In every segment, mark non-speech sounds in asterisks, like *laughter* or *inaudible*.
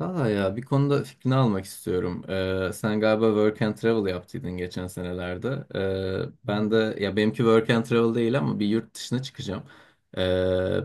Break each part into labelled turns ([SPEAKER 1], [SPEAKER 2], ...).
[SPEAKER 1] Valla ya bir konuda fikrini almak istiyorum. Sen galiba work and travel yaptıydın geçen senelerde. Ben de ya benimki work and travel değil ama bir yurt dışına çıkacağım. Ee,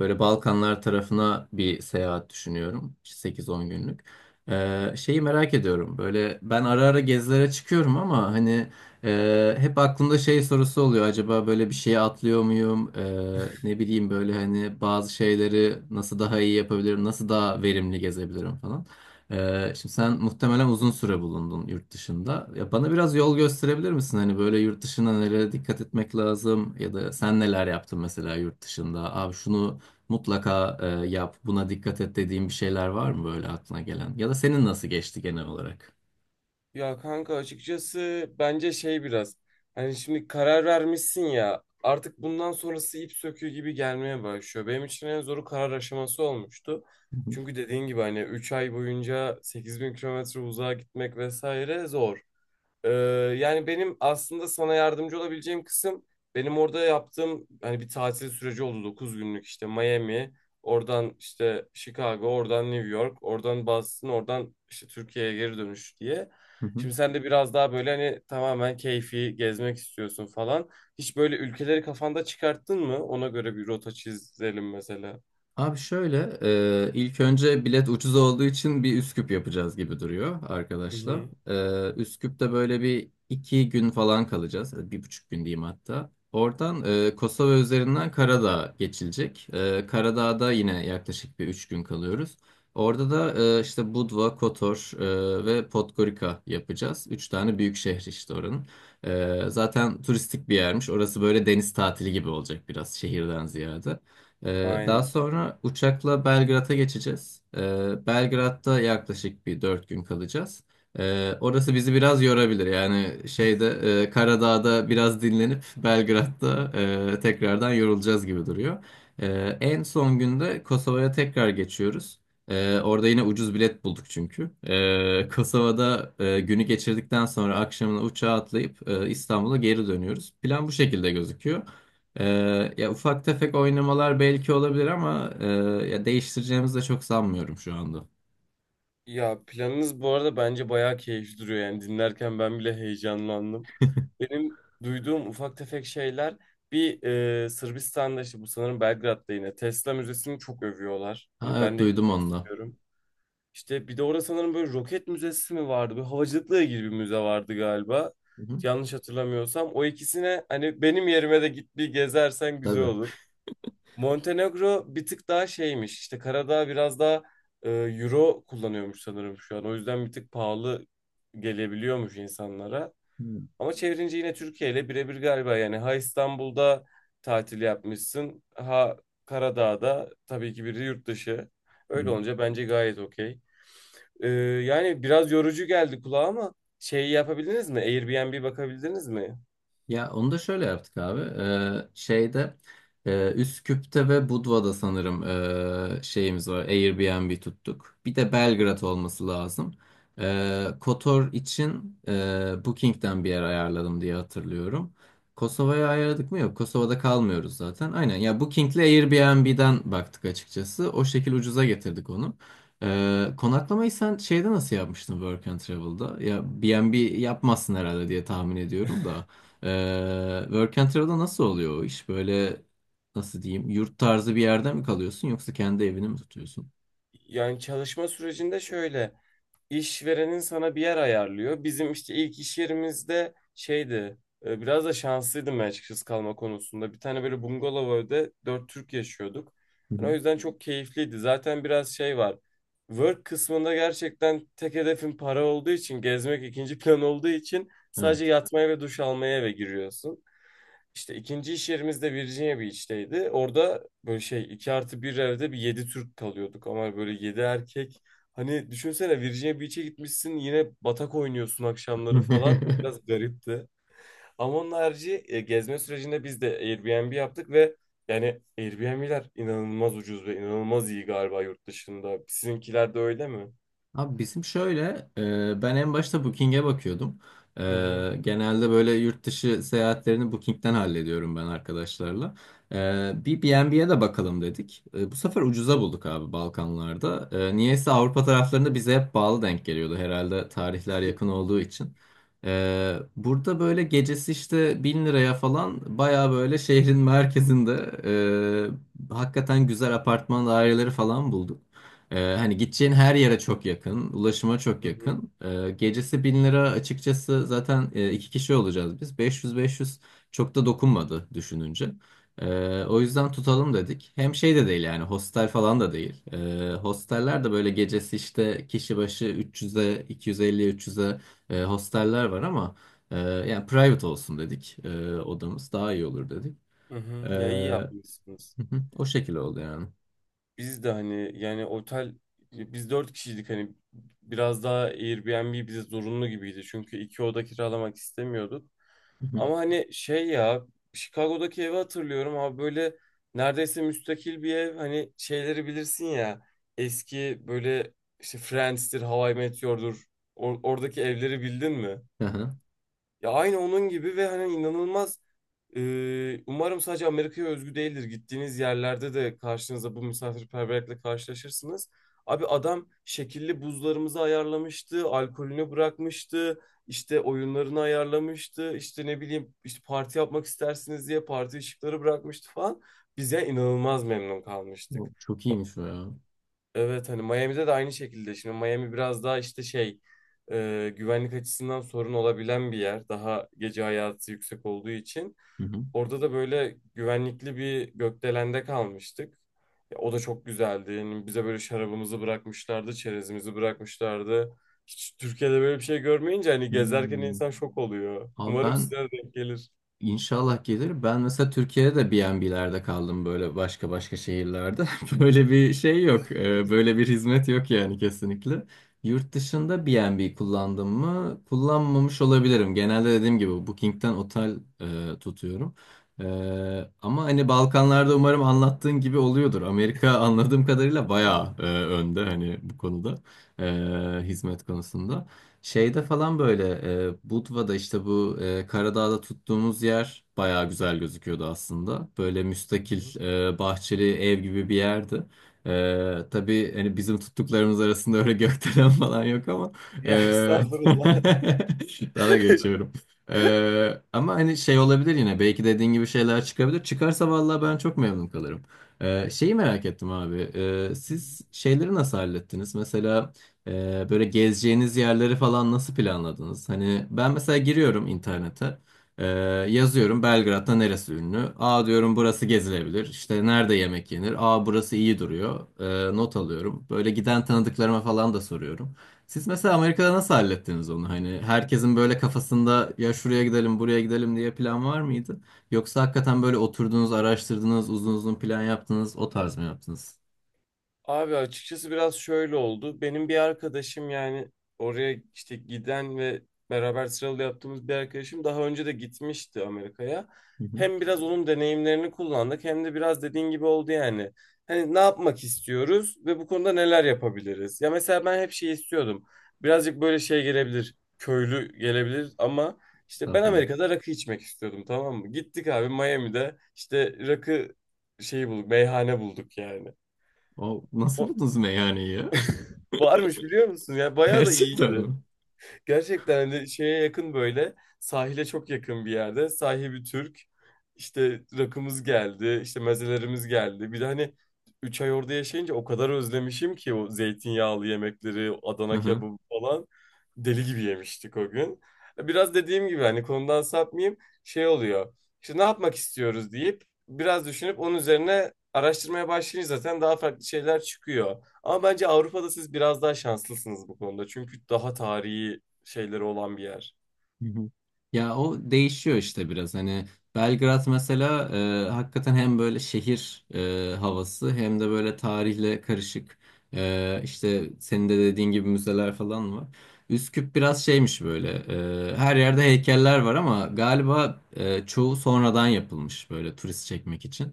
[SPEAKER 1] böyle Balkanlar tarafına bir seyahat düşünüyorum. 8-10 günlük. Şeyi merak ediyorum. Böyle ben ara ara gezilere çıkıyorum ama hani hep aklımda şey sorusu oluyor. Acaba böyle bir şey atlıyor muyum? Ne bileyim böyle hani bazı şeyleri nasıl daha iyi yapabilirim? Nasıl daha verimli gezebilirim falan. Şimdi sen muhtemelen uzun süre bulundun yurt dışında. Ya bana biraz yol gösterebilir misin? Hani böyle yurt dışına nelere dikkat etmek lazım ya da sen neler yaptın mesela yurt dışında? Abi şunu mutlaka yap, buna dikkat et dediğin bir şeyler var mı böyle aklına gelen? Ya da senin nasıl geçti genel olarak?
[SPEAKER 2] Ya kanka açıkçası bence şey biraz hani şimdi karar vermişsin ya artık bundan sonrası ip söküğü gibi gelmeye başlıyor. Benim için en zoru karar aşaması olmuştu.
[SPEAKER 1] Hı hı.
[SPEAKER 2] Çünkü dediğin gibi hani 3 ay boyunca 8.000 kilometre uzağa gitmek vesaire zor. Ee, yani benim aslında sana yardımcı olabileceğim kısım benim orada yaptığım hani bir tatil süreci oldu 9 günlük işte Miami, oradan işte Chicago, oradan New York, oradan Boston, oradan işte Türkiye'ye geri dönüş diye.
[SPEAKER 1] Hı hı.
[SPEAKER 2] Şimdi sen de biraz daha böyle hani tamamen keyfi gezmek istiyorsun falan. Hiç böyle ülkeleri kafanda çıkarttın mı? Ona göre bir rota çizelim mesela.
[SPEAKER 1] Abi şöyle, ilk önce bilet ucuz olduğu için bir Üsküp yapacağız gibi duruyor
[SPEAKER 2] Hı
[SPEAKER 1] arkadaşlar.
[SPEAKER 2] hı.
[SPEAKER 1] Üsküp'te böyle bir iki gün falan kalacağız, 1,5 gün diyeyim hatta. Oradan Kosova üzerinden Karadağ geçilecek. Karadağ'da yine yaklaşık bir 3 gün kalıyoruz. Orada da işte Budva, Kotor ve Podgorica yapacağız. Üç tane büyük şehir işte oranın. Zaten turistik bir yermiş. Orası böyle deniz tatili gibi olacak biraz şehirden ziyade. Daha
[SPEAKER 2] Aynen.
[SPEAKER 1] sonra uçakla Belgrad'a geçeceğiz. Belgrad'da yaklaşık bir 4 gün kalacağız. Orası bizi biraz yorabilir. Yani şeyde Karadağ'da biraz dinlenip *laughs* Belgrad'da tekrardan yorulacağız gibi duruyor. En son günde Kosova'ya tekrar geçiyoruz. Orada yine ucuz bilet bulduk çünkü. Kosova'da günü geçirdikten sonra akşamına uçağa atlayıp İstanbul'a geri dönüyoruz. Plan bu şekilde gözüküyor. Ya ufak tefek oynamalar belki olabilir ama ya değiştireceğimizi de çok sanmıyorum şu anda.
[SPEAKER 2] Ya planınız bu arada bence bayağı keyifli duruyor, yani dinlerken ben bile heyecanlandım. Benim duyduğum ufak tefek şeyler bir, Sırbistan'da işte bu sanırım Belgrad'da yine Tesla Müzesi'ni çok övüyorlar.
[SPEAKER 1] Ha,
[SPEAKER 2] Hani
[SPEAKER 1] evet
[SPEAKER 2] ben de
[SPEAKER 1] duydum
[SPEAKER 2] gitmek
[SPEAKER 1] onu da.
[SPEAKER 2] istiyorum. İşte bir de orada sanırım böyle roket müzesi mi vardı? Böyle havacılıkla ilgili bir müze vardı galiba.
[SPEAKER 1] Hı hı,
[SPEAKER 2] Yanlış hatırlamıyorsam. O ikisine hani benim yerime de git, bir gezersen güzel
[SPEAKER 1] tabii.
[SPEAKER 2] olur. Montenegro bir tık daha şeymiş. İşte Karadağ biraz daha euro kullanıyormuş sanırım şu an. O yüzden bir tık pahalı gelebiliyormuş insanlara. Ama çevirince yine Türkiye ile birebir galiba. Yani ha İstanbul'da tatil yapmışsın, ha Karadağ'da, tabii ki biri yurt dışı. Öyle
[SPEAKER 1] Hmm.
[SPEAKER 2] olunca bence gayet okey. E, yani biraz yorucu geldi kulağa ama şeyi yapabildiniz mi? Airbnb bakabildiniz mi?
[SPEAKER 1] Ya onu da şöyle yaptık abi. Şeyde Üsküp'te ve Budva'da sanırım şeyimiz var. Airbnb tuttuk. Bir de Belgrad olması lazım. Kotor için Booking'den bir yer ayarladım diye hatırlıyorum. Kosova'ya ayarladık mı? Yok. Kosova'da kalmıyoruz zaten. Aynen. Ya Booking'le Airbnb'den baktık açıkçası. O şekil ucuza getirdik onu. Konaklamayı sen şeyde nasıl yapmıştın Work and Travel'da? Ya B&B yapmazsın herhalde diye tahmin ediyorum da. Work and travel'da nasıl oluyor o iş? Böyle nasıl diyeyim? Yurt tarzı bir yerde mi kalıyorsun yoksa kendi evini mi tutuyorsun?
[SPEAKER 2] Yani çalışma sürecinde şöyle. İşverenin sana bir yer ayarlıyor. Bizim işte ilk iş yerimizde şeydi. Biraz da şanslıydım ben açıkçası kalma konusunda. Bir tane böyle bungalov evde dört Türk yaşıyorduk.
[SPEAKER 1] Hı
[SPEAKER 2] Yani o
[SPEAKER 1] hı.
[SPEAKER 2] yüzden çok keyifliydi. Zaten biraz şey var. Work kısmında gerçekten tek hedefin para olduğu için, gezmek ikinci *laughs* plan olduğu için sadece
[SPEAKER 1] Evet.
[SPEAKER 2] yatmaya ve duş almaya eve giriyorsun. İşte ikinci iş yerimiz de Virginia Beach'teydi. Orada böyle şey 2+1 evde bir 7 Türk kalıyorduk, ama böyle 7 erkek. Hani düşünsene Virginia Beach'e gitmişsin yine batak oynuyorsun akşamları falan. O
[SPEAKER 1] *laughs*
[SPEAKER 2] biraz garipti. Ama onun harici gezme sürecinde biz de Airbnb yaptık ve yani Airbnb'ler inanılmaz ucuz ve inanılmaz iyi galiba yurt dışında. Sizinkiler de öyle mi?
[SPEAKER 1] Abi bizim şöyle, ben en başta Booking'e bakıyordum. E,
[SPEAKER 2] Hı hı.
[SPEAKER 1] genelde böyle yurt dışı seyahatlerini Booking'den hallediyorum ben arkadaşlarla. Bir B&B'ye de bakalım dedik. Bu sefer ucuza bulduk abi Balkanlarda. Niyeyse Avrupa taraflarında bize hep pahalı denk geliyordu herhalde tarihler yakın olduğu için. Burada böyle gecesi işte 1.000 liraya falan baya böyle şehrin merkezinde hakikaten güzel apartman daireleri falan bulduk. Hani gideceğin her yere çok yakın, ulaşıma çok
[SPEAKER 2] Hı hı.
[SPEAKER 1] yakın. Gecesi 1.000 lira açıkçası zaten iki kişi olacağız biz. Beş yüz beş yüz çok da dokunmadı düşününce. O yüzden tutalım dedik. Hem şey de değil yani hostel falan da değil. Hosteller de böyle gecesi işte kişi başı 300'e, 250-300'e hosteller var ama yani private olsun dedik. Odamız daha iyi olur dedik.
[SPEAKER 2] Hı
[SPEAKER 1] *laughs*
[SPEAKER 2] hı. Ya iyi
[SPEAKER 1] Hı
[SPEAKER 2] yapmışsınız.
[SPEAKER 1] hı, o şekilde oldu yani.
[SPEAKER 2] Biz de hani yani otel, biz dört kişiydik, hani biraz daha Airbnb bize zorunlu gibiydi. Çünkü iki oda kiralamak istemiyorduk.
[SPEAKER 1] Hı hı.
[SPEAKER 2] Ama hani şey ya, Chicago'daki evi hatırlıyorum abi, böyle neredeyse müstakil bir ev, hani şeyleri bilirsin ya, eski böyle, işte Friends'tir, How I Met Your'dur, oradaki evleri bildin mi?
[SPEAKER 1] Aha.
[SPEAKER 2] Ya aynı onun gibi ve hani inanılmaz, umarım sadece Amerika'ya özgü değildir. Gittiğiniz yerlerde de karşınıza bu misafirperverlikle karşılaşırsınız. Abi adam şekilli buzlarımızı ayarlamıştı, alkolünü bırakmıştı, işte oyunlarını ayarlamıştı, işte ne bileyim, işte parti yapmak istersiniz diye parti ışıkları bırakmıştı falan. Bize inanılmaz memnun
[SPEAKER 1] O
[SPEAKER 2] kalmıştık.
[SPEAKER 1] çok iyiymiş o ya.
[SPEAKER 2] Evet, hani Miami'de de aynı şekilde. Şimdi Miami biraz daha işte şey, güvenlik açısından sorun olabilen bir yer. Daha gece hayatı yüksek olduğu için.
[SPEAKER 1] Hı hı.
[SPEAKER 2] Orada da böyle güvenlikli bir gökdelende kalmıştık. Ya, o da çok güzeldi. Yani bize böyle şarabımızı bırakmışlardı, çerezimizi bırakmışlardı. Hiç Türkiye'de böyle bir şey görmeyince hani gezerken
[SPEAKER 1] Hmm.
[SPEAKER 2] insan şok oluyor.
[SPEAKER 1] Abi
[SPEAKER 2] Umarım
[SPEAKER 1] ben
[SPEAKER 2] size de denk gelir.
[SPEAKER 1] inşallah gelir. Ben mesela Türkiye'de B&B'lerde kaldım böyle başka başka şehirlerde. *laughs* Böyle bir şey yok. Böyle bir hizmet yok yani kesinlikle. Yurt dışında B&B kullandım mı? Kullanmamış olabilirim. Genelde dediğim gibi Booking'ten otel tutuyorum. Ama hani Balkanlarda umarım anlattığın gibi oluyordur. Amerika anladığım kadarıyla bayağı önde hani bu konuda hizmet konusunda. Şeyde falan böyle Budva'da işte bu Karadağ'da tuttuğumuz yer bayağı güzel gözüküyordu aslında. Böyle müstakil bahçeli ev gibi bir yerdi. Tabii hani bizim tuttuklarımız arasında öyle gökdelen *laughs* falan yok ama
[SPEAKER 2] Ya
[SPEAKER 1] e, *laughs*
[SPEAKER 2] estağfurullah.
[SPEAKER 1] daha
[SPEAKER 2] *laughs*
[SPEAKER 1] geçiyorum. Ama hani şey olabilir yine belki dediğin gibi şeyler çıkabilir. Çıkarsa vallahi ben çok memnun kalırım. Şeyi merak ettim abi. Siz şeyleri nasıl hallettiniz? Mesela böyle gezeceğiniz yerleri falan nasıl planladınız? Hani ben mesela giriyorum internete. Ee, yazıyorum Belgrad'da neresi ünlü? Aa diyorum burası gezilebilir. İşte nerede yemek yenir? Aa burası iyi duruyor. Not alıyorum. Böyle giden tanıdıklarıma falan da soruyorum. Siz mesela Amerika'da nasıl hallettiniz onu? Hani herkesin böyle kafasında ya şuraya gidelim buraya gidelim diye plan var mıydı? Yoksa hakikaten böyle oturdunuz, araştırdınız, uzun uzun plan yaptınız, o tarz mı yaptınız?
[SPEAKER 2] Abi açıkçası biraz şöyle oldu. Benim bir arkadaşım, yani oraya işte giden ve beraber sıralı yaptığımız bir arkadaşım daha önce de gitmişti Amerika'ya.
[SPEAKER 1] Hı hı.
[SPEAKER 2] Hem biraz onun deneyimlerini kullandık, hem de biraz dediğin gibi oldu yani. Hani ne yapmak istiyoruz ve bu konuda neler yapabiliriz? Ya mesela ben hep şey istiyordum. Birazcık böyle şey gelebilir, köylü gelebilir, ama işte ben
[SPEAKER 1] Estağfurullah.
[SPEAKER 2] Amerika'da rakı içmek istiyordum, tamam mı? Gittik abi, Miami'de işte rakı şeyi bulduk, meyhane bulduk yani.
[SPEAKER 1] O, nasıl
[SPEAKER 2] O-
[SPEAKER 1] buldunuz meyhaneyi?
[SPEAKER 2] Varmış, biliyor musun? Ya bayağı da
[SPEAKER 1] Gerçekten mi?
[SPEAKER 2] iyiydi. Gerçekten hani şeye yakın, böyle sahile çok yakın bir yerde, sahibi Türk, işte rakımız geldi, işte mezelerimiz geldi, bir de hani 3 ay orada yaşayınca o kadar özlemişim ki o zeytinyağlı yemekleri,
[SPEAKER 1] Hı
[SPEAKER 2] Adana
[SPEAKER 1] hı.
[SPEAKER 2] kebabı falan, deli gibi yemiştik o gün. Biraz dediğim gibi, hani konudan sapmayayım, şey oluyor, işte ne yapmak istiyoruz deyip biraz düşünüp onun üzerine araştırmaya başlayınca zaten daha farklı şeyler çıkıyor. Ama bence Avrupa'da siz biraz daha şanslısınız bu konuda. Çünkü daha tarihi şeyleri olan bir yer.
[SPEAKER 1] Hı hı. Ya o değişiyor işte biraz hani Belgrad mesela hakikaten hem böyle şehir havası hem de böyle tarihle karışık işte senin de dediğin gibi müzeler falan var. Üsküp biraz şeymiş böyle her yerde heykeller var ama galiba çoğu sonradan yapılmış böyle turist çekmek için.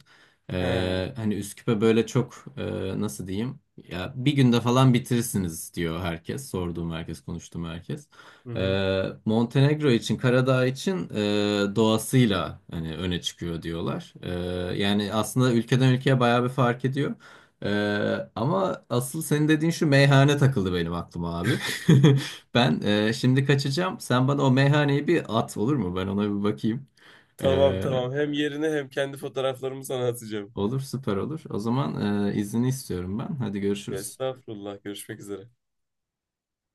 [SPEAKER 2] He.
[SPEAKER 1] Hani Üsküp'e böyle çok nasıl diyeyim ya bir günde falan bitirirsiniz diyor herkes sorduğum herkes konuştuğum herkes.
[SPEAKER 2] Hı hı.
[SPEAKER 1] Montenegro için, Karadağ için doğasıyla hani öne çıkıyor diyorlar. Yani aslında ülkeden ülkeye bayağı bir fark ediyor. Ama asıl senin dediğin şu meyhane takıldı benim aklıma abi. *laughs* Ben şimdi kaçacağım. Sen bana o meyhaneyi bir at olur mu? Ben ona bir bakayım.
[SPEAKER 2] Tamam,
[SPEAKER 1] Ee,
[SPEAKER 2] tamam. Hem yerine hem kendi fotoğraflarımı sana atacağım.
[SPEAKER 1] olur, süper olur. O zaman izni istiyorum ben. Hadi görüşürüz.
[SPEAKER 2] Estağfurullah. Görüşmek üzere.